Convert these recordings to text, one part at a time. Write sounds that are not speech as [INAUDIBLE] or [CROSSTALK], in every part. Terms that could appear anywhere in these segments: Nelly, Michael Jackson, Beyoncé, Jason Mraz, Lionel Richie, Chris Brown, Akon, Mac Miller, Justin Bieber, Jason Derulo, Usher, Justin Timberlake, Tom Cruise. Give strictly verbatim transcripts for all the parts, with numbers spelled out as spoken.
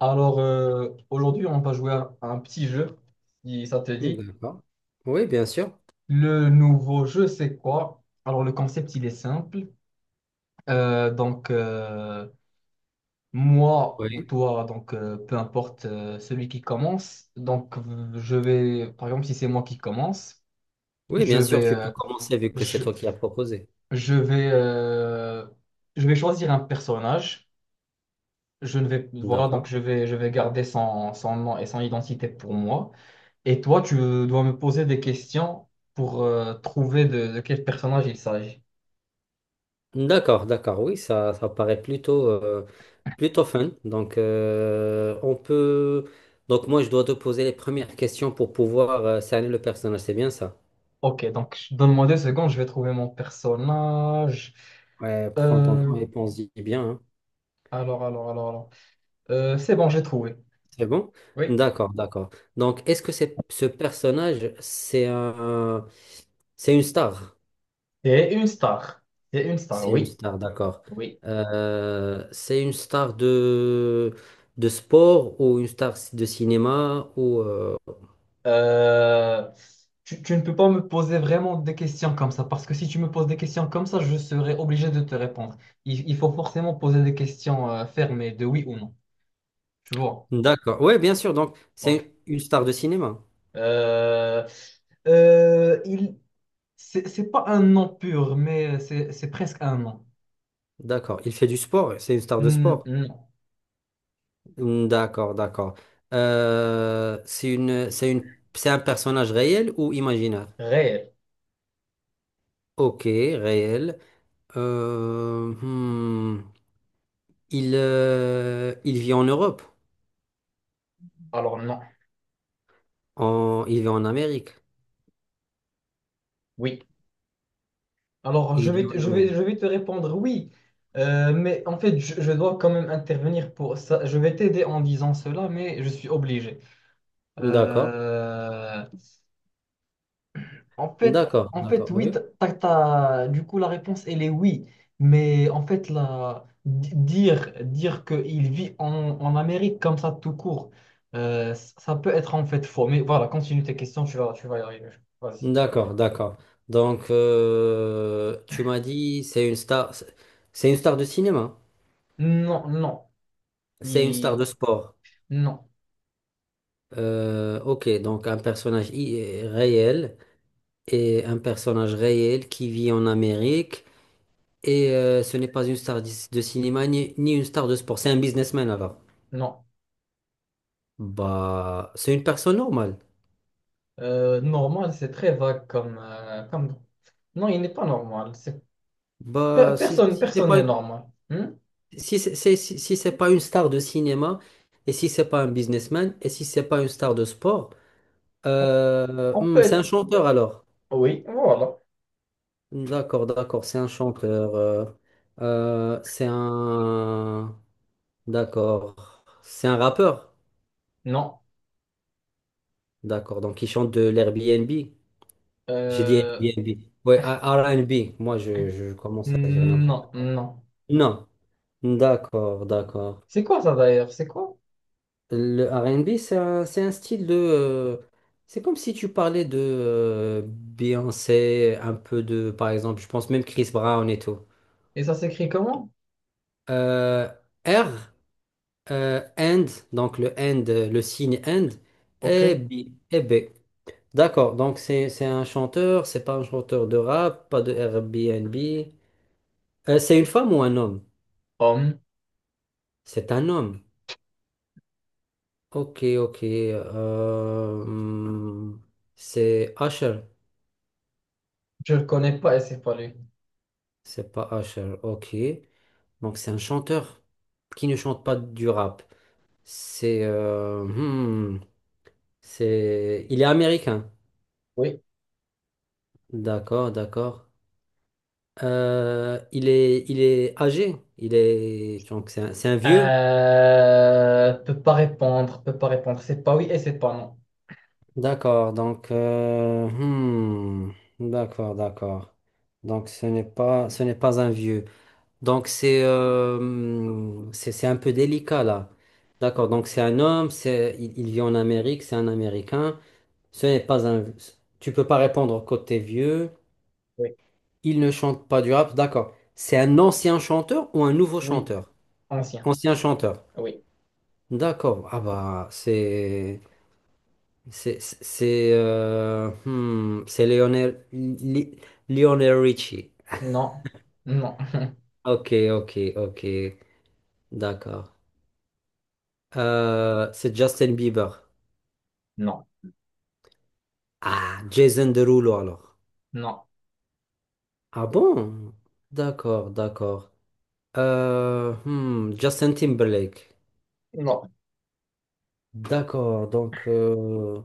Alors, euh, aujourd'hui, on va jouer à un petit jeu, si ça te Hmm, dit. d'accord. Oui, bien sûr. Le nouveau jeu, c'est quoi? Alors, le concept, il est simple. Euh, donc, euh, moi ou Oui. toi, donc, euh, peu importe euh, celui qui commence. Donc, euh, je vais, par exemple, si c'est moi qui commence, Oui, je bien sûr, vais, tu peux euh, commencer vu que c'est je, toi qui as proposé. je vais, euh, je vais choisir un personnage. Je ne vais, Voilà, donc, D'accord. je vais, je vais garder son, son nom et son identité pour moi. Et toi, tu dois me poser des questions pour euh, trouver de, de quel personnage il s'agit. D'accord, d'accord. Oui, ça, ça paraît plutôt, euh, plutôt fun. Donc, euh, on peut. Donc, moi, je dois te poser les premières questions pour pouvoir euh, cerner le personnage. C'est bien ça. Ok, donc donne-moi deux secondes, je vais trouver mon personnage. Ouais, prends ton Euh, temps et pense-y bien, hein. alors, alors, alors, alors. Euh, c'est bon, j'ai trouvé. C'est bon? Oui. D'accord, d'accord. Donc, est-ce que c'est, ce personnage, c'est un, c'est une star? C'est une star. C'est une star, C'est une oui. star, d'accord. Oui. Euh, c'est une star de, de sport ou une star de cinéma ou euh, Euh, tu, tu ne peux pas me poser vraiment des questions comme ça, parce que si tu me poses des questions comme ça, je serai obligé de te répondre. Il, il faut forcément poser des questions euh, fermées de oui ou non. Tu vois? d'accord. Oui, bien sûr. Donc, Ok. c'est une star de cinéma. Euh, euh, il, c'est c'est pas un nom pur, mais c'est c'est presque un nom. D'accord. Il fait du sport. C'est une star de Hmm, sport. non. Hmm, d'accord, d'accord. Euh, c'est une, c'est une, c'est un personnage réel ou imaginaire? Réel. Ok, réel. Euh, hmm, Il, euh, il vit en Europe. Alors non. En, il vit en Amérique. Oui. Alors je Il vais vit te, en je vais, Amérique. je vais te répondre oui. Euh, mais en fait, je, je dois quand même intervenir pour ça. Je vais t'aider en disant cela, mais je suis obligé. D'accord. Euh, En fait, D'accord, en fait, d'accord, oui, oui. t'as- t'as- t'as- du coup, la réponse, elle est oui. Mais en fait, la, di- dire, dire qu'il vit en, en Amérique comme ça, tout court, euh, c- ça peut être en fait faux. Mais voilà, continue tes questions, tu vas, tu vas y arriver. Vas-y. D'accord, d'accord. Donc, euh, tu m'as dit, c'est une star, c'est une star de cinéma, Non, non. c'est une star de Il- sport. Non, Euh, ok, donc un personnage i- réel et un personnage réel qui vit en Amérique et euh, ce n'est pas une star de de cinéma ni, ni une star de sport, c'est un businessman alors. non. Bah, c'est une personne normale. Euh, normal, c'est très vague comme, euh, comme... Non, il n'est pas normal. C'est... per- Bah, si, Personne, si c'est personne pas n'est normal. Hmm Si c'est c'est- si, si c'est pas une star de cinéma, et si c'est pas un businessman, et si c'est pas une star de sport, euh, On hmm, peut c'est un être... chanteur alors. Oui, voilà. D'accord, d'accord, c'est un chanteur. Euh, euh, c'est un. D'accord. C'est un rappeur. non. D'accord, donc il chante de l'Airbnb. J'ai dit Euh, Airbnb. Ouais, R- R&B. Moi, je, je commence à dire Non, n'importe quoi. non. Non. D'accord, d'accord. C'est quoi ça d'ailleurs? C'est quoi? Le R and B, c'est un, c'est un style de euh, c'est comme si tu parlais de euh, Beyoncé, un peu de, par exemple, je pense même Chris Brown et tout. Et ça s'écrit comment? Euh, R, euh, and, donc le and, euh, le signe and, Ok. et B. Et B. D'accord, donc c'est c'est un chanteur, c'est pas un chanteur de rap, pas de Airbnb. Euh, c'est une femme ou un homme? Homme. C'est un homme. Ok, ok. Euh, hmm, c'est Usher. Je le connais pas et c'est pas lui. C'est pas Usher, ok. Donc c'est un chanteur qui ne chante pas du rap. C'est... euh, hmm, c'est... Il est américain. Oui. D'accord, d'accord. Euh, il est, il est âgé. Il est... Donc c'est un, c'est un vieux. Euh... Peut pas répondre. Peut pas répondre. C'est pas oui et c'est pas non. D'accord, donc... euh, hmm, d'accord, d'accord. Donc ce n'est pas, ce n'est pas un vieux. Donc c'est euh, c'est c'est un peu délicat là. D'accord, donc c'est un homme, c'est il, il vit en Amérique, c'est un Américain. Ce n'est pas un tu peux pas répondre côté vieux. Oui. Il ne chante pas du rap, d'accord. C'est un ancien chanteur ou un nouveau Oui. chanteur? Ancien. Ancien chanteur. Oui. D'accord. Ah bah c'est c'est c'est c'est euh, hmm, c'est Lionel Li- Lionel Richie. Non. Non. [LAUGHS] OK, OK, OK. D'accord. Euh, c'est Justin Bieber. Non. Ah, Jason Derulo alors. Non. Ah bon? D'accord, d'accord. Euh, hmm, Justin Timberlake. Non. D'accord, donc... euh,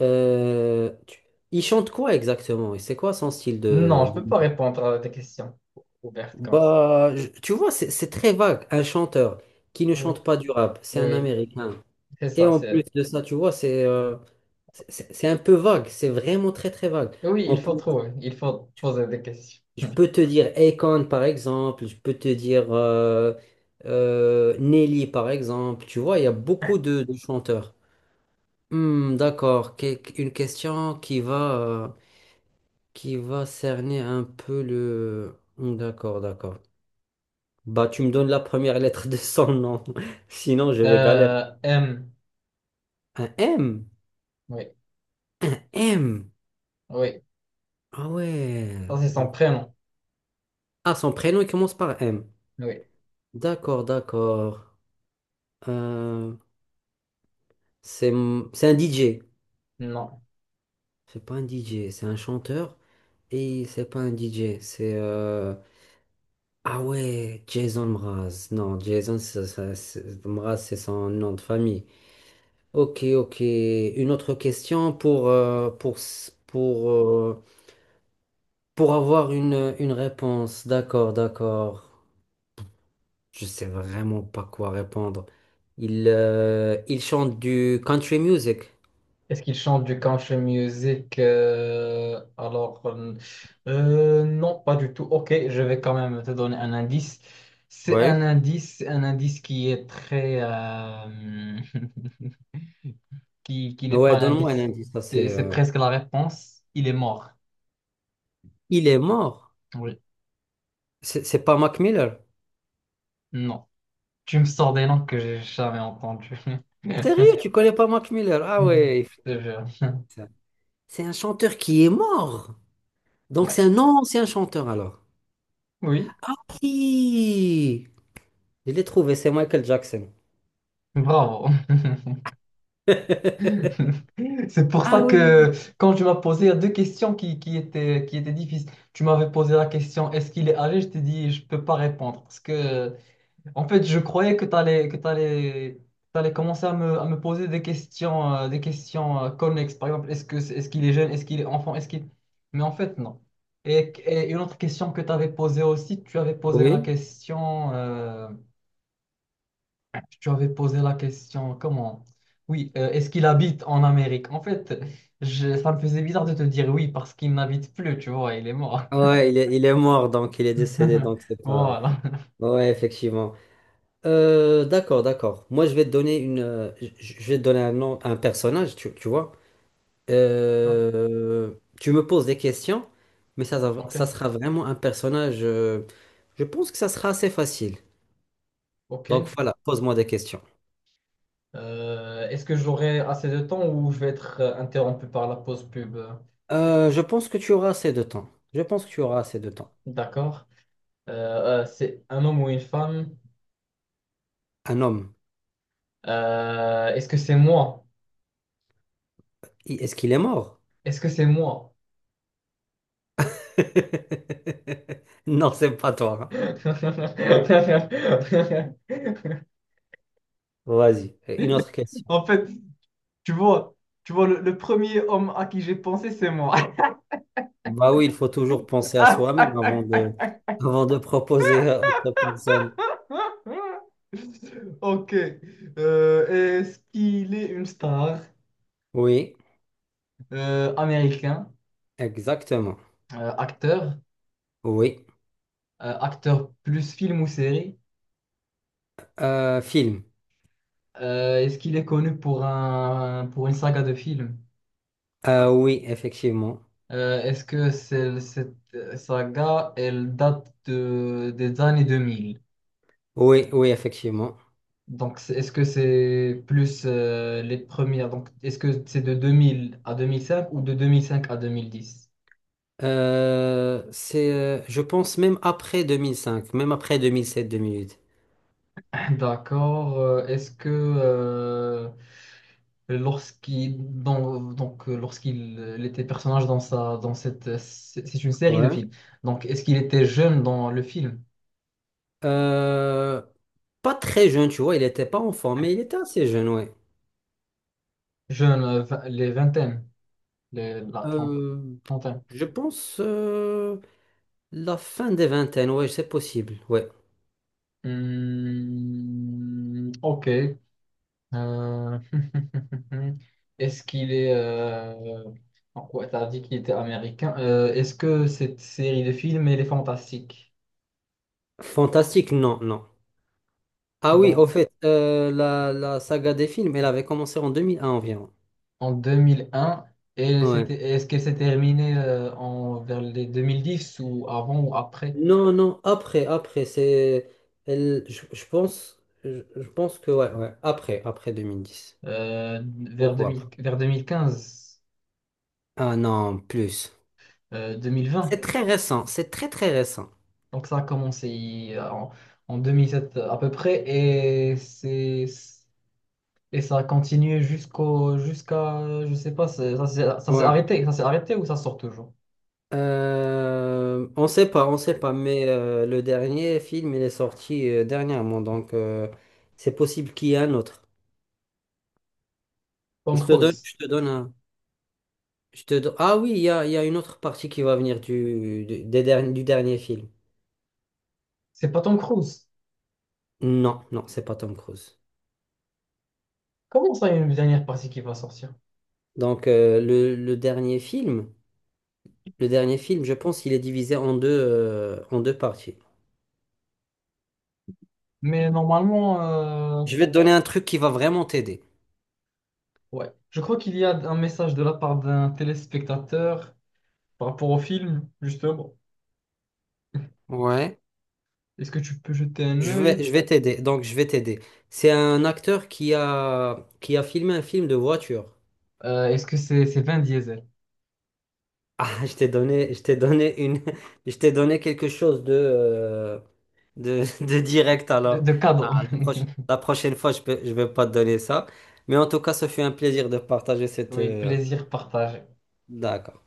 euh, tu- il chante quoi exactement? Et c'est quoi son style Non, de... je de- peux pas répondre à tes questions ouvertes comme ça. Bah, je- tu vois, c'est c'est très vague. Un chanteur qui ne Oui. chante pas du rap, c'est un Oui. Américain. C'est Et ça. en plus C'est... de ça, tu vois, c'est euh, c'est c'est- c'est un peu vague. C'est vraiment très, très vague. Oui, On il peut. faut trouver. Il faut poser des questions. Je peux te dire Akon par exemple, je peux te dire euh, euh, Nelly par exemple, tu vois, il y a beaucoup [LAUGHS] de, de chanteurs. Hmm, d'accord, Que- une question qui va, euh, qui va cerner un peu le... Hmm, d'accord, d'accord. Bah tu me donnes la première lettre de son nom, [LAUGHS] sinon je vais galérer. Euh, M. Un M? Oui. Un M? Oui. Ah ouais. Ça, c'est son Donc... prénom. Ah, son prénom il commence par M. Oui. D'accord, d'accord. Euh, c'est c'est un D J. Non. C'est pas un D J, c'est un chanteur. Et c'est pas un D J, c'est... euh, ah ouais, Jason Mraz. Non, Jason ça- ça- c'est- Mraz, c'est son nom de famille. Ok, ok. Une autre question pour, euh, pour, s- pour, euh, pour avoir une, une réponse. D'accord, d'accord. Je sais vraiment pas quoi répondre. Il, euh, il chante du country music. Est-ce qu'il chante du country music euh, Alors, euh, euh, non, pas du tout. Ok, je vais quand même te donner un indice. C'est un Ouais. indice, c'est un indice qui est très... euh, [LAUGHS] qui, qui n'est pas Ouais, un donne-moi un indice. indice. Ça, C'est c'est, c'est euh, presque la réponse. Il est mort. il est mort. Oui. C'est c'est pas Mac Miller. Non. Tu me sors des noms que j'ai jamais entendus. [LAUGHS] Sérieux, tu connais pas Mac Miller? Ah ouais, il Je faut te jure. ça. C'est un chanteur qui est mort. Donc Ouais. c'est un ancien chanteur alors. Oui. Ah oui, je l'ai trouvé, c'est Michael Jackson. Bravo. [LAUGHS] [LAUGHS] C'est pour ça Ah que oui. quand tu m'as posé il y a deux questions qui, qui étaient, qui étaient difficiles. Tu m'avais posé la question est-ce qu'il est âgé? Je t'ai dit je peux pas répondre. Parce que en fait je croyais que tu allais, que tu allais commencer à me, à me poser des questions, euh, des questions euh, connexes. Par exemple, est-ce que, c'est- est-ce qu'il est jeune? Est-ce qu'il est enfant? Est-ce qu'il... Mais en fait non. Et, et une autre question que tu avais posée aussi, tu avais posé la Oui. question. Euh, tu avais posé la question, comment? Oui, euh, est-ce qu'il habite en Amérique? En fait, je- ça me faisait bizarre de te dire oui parce qu'il n'habite plus, tu vois, il est mort. Ouais, il est, il est mort, donc il est décédé, [LAUGHS] donc c'est pas. Voilà. Ouais, effectivement. Euh, d'accord, d'accord. Moi, je vais te donner une, euh, je je vais te donner un nom, un personnage, tu, tu vois. D'accord. Euh, tu me poses des questions, mais ça, Ok, ça sera vraiment un personnage. Euh, je pense que ça sera assez facile. Donc ok. voilà, pose-moi des questions. Euh, est-ce que j'aurai assez de temps ou je vais être euh, interrompu par la pause pub? Euh, je pense que tu auras assez de temps. Je pense que tu auras assez de temps. D'accord. Euh, euh, c'est un homme ou une femme? Un homme, Euh, est-ce que c'est moi? i- est-ce qu'il est mort? Est-ce que c'est moi? [LAUGHS] Non, c'est pas toi, hein. [LAUGHS] Vas-y, une autre question. En fait, Tu vois, tu vois, le, le premier homme à qui j'ai pensé, c'est moi. Bah oui, il faut toujours penser à soi-même [LAUGHS] avant de, avant de proposer à autre personne. Ok. Euh, Est-ce qu'il est une star Oui, euh, américain, exactement. euh, acteur, Oui. euh, acteur plus film ou série? Euh, film. Euh, est-ce qu'il est connu pour un, pour une saga de films? Euh, oui, effectivement. Euh, est-ce que c'est- cette saga, elle date de, des années deux mille? Oui, oui, effectivement. Donc, c'est- est-ce que c'est plus euh, les premières? Donc, est-ce que c'est de deux mille à deux mille cinq ou de deux mille cinq à deux mille dix? Euh, c'est, euh, je pense même après deux mille cinq, même après deux mille sept-deux mille huit. [COUGHS] D'accord. Euh, Est-ce que euh, lorsqu'il dans- donc euh, Lorsqu'il euh, était personnage dans sa dans cette, euh, c'est c'est une série de Ouais. films. Donc, est-ce qu'il était jeune dans le film? Euh, Pas très jeune, tu vois, il n'était pas enfant, mais il était assez jeune, ouais. Jeune, euh, vi- les vingtaines, les, la trente- Euh, trentaine. je pense euh, La fin des vingtaines, ouais, c'est possible, ouais. Hmm, ok. Euh, [LAUGHS] Est-ce qu'il est... euh, en quoi t'as dit qu'il était américain. Euh, est-ce que cette série de films, elle est fantastique? Fantastique, non, non. Ah oui, Donc, au fait, euh, la, la saga des films, elle avait commencé en deux mille un environ. en deux mille un et c'était, Ouais. est-ce qu'elle s'est terminée euh, en, vers les deux mille dix ou avant ou après? Non, non, après, après, c'est... elle- Je, je pense, je, je pense que, ouais, ouais, après, après deux mille dix. Euh, vers deux Beaucoup après. mille vers deux mille quinze, Ah non, plus. euh, deux mille vingt. C'est très récent, c'est très très récent. Donc ça a commencé euh, en, en deux mille sept à peu près et c'est... Et ça a continué jusqu'au, jusqu'à, je sais pas, c'est- ça, s'est ça s'est Ouais. arrêté, ça s'est arrêté ou ça sort toujours? Euh, on sait pas, on sait pas, mais euh, le dernier film, il est sorti euh, dernièrement, donc euh, c'est possible qu'il y ait un autre. Tom Je te donne, Cruise. je te donne un... Je te do- Ah oui, il y a, il y a une autre partie qui va venir du, du, des derni- du dernier film. C'est pas Tom Cruise. Non, non, c'est pas Tom Cruise. Comment ça, il y a une dernière partie qui va sortir? Donc euh, le, le dernier film, le dernier film, je pense qu'il est divisé en deux, euh, en deux parties. Mais normalement, euh, Je vais te donner un truc qui va vraiment t'aider. ouais. Je crois qu'il y a un message de la part d'un téléspectateur par rapport au film, justement. Ouais. Est-ce que tu peux jeter un Je vais, œil? je vais t'aider. Donc, je vais t'aider. C'est un acteur qui a, qui a filmé un film de voiture. Euh, est-ce que c'est c'est Vin Diesel? Ah, [LAUGHS] je t'ai donné, je t'ai donné une, [LAUGHS] je t'ai donné quelque chose de, euh, de, [LAUGHS] de direct. De, Alors, de cadeau. ah, la proche- [LAUGHS] la prochaine fois, je peux, je vais pas te donner ça. Mais en tout cas, ce fut un plaisir de partager cette. Oui, Euh, plaisir partagé. D'accord.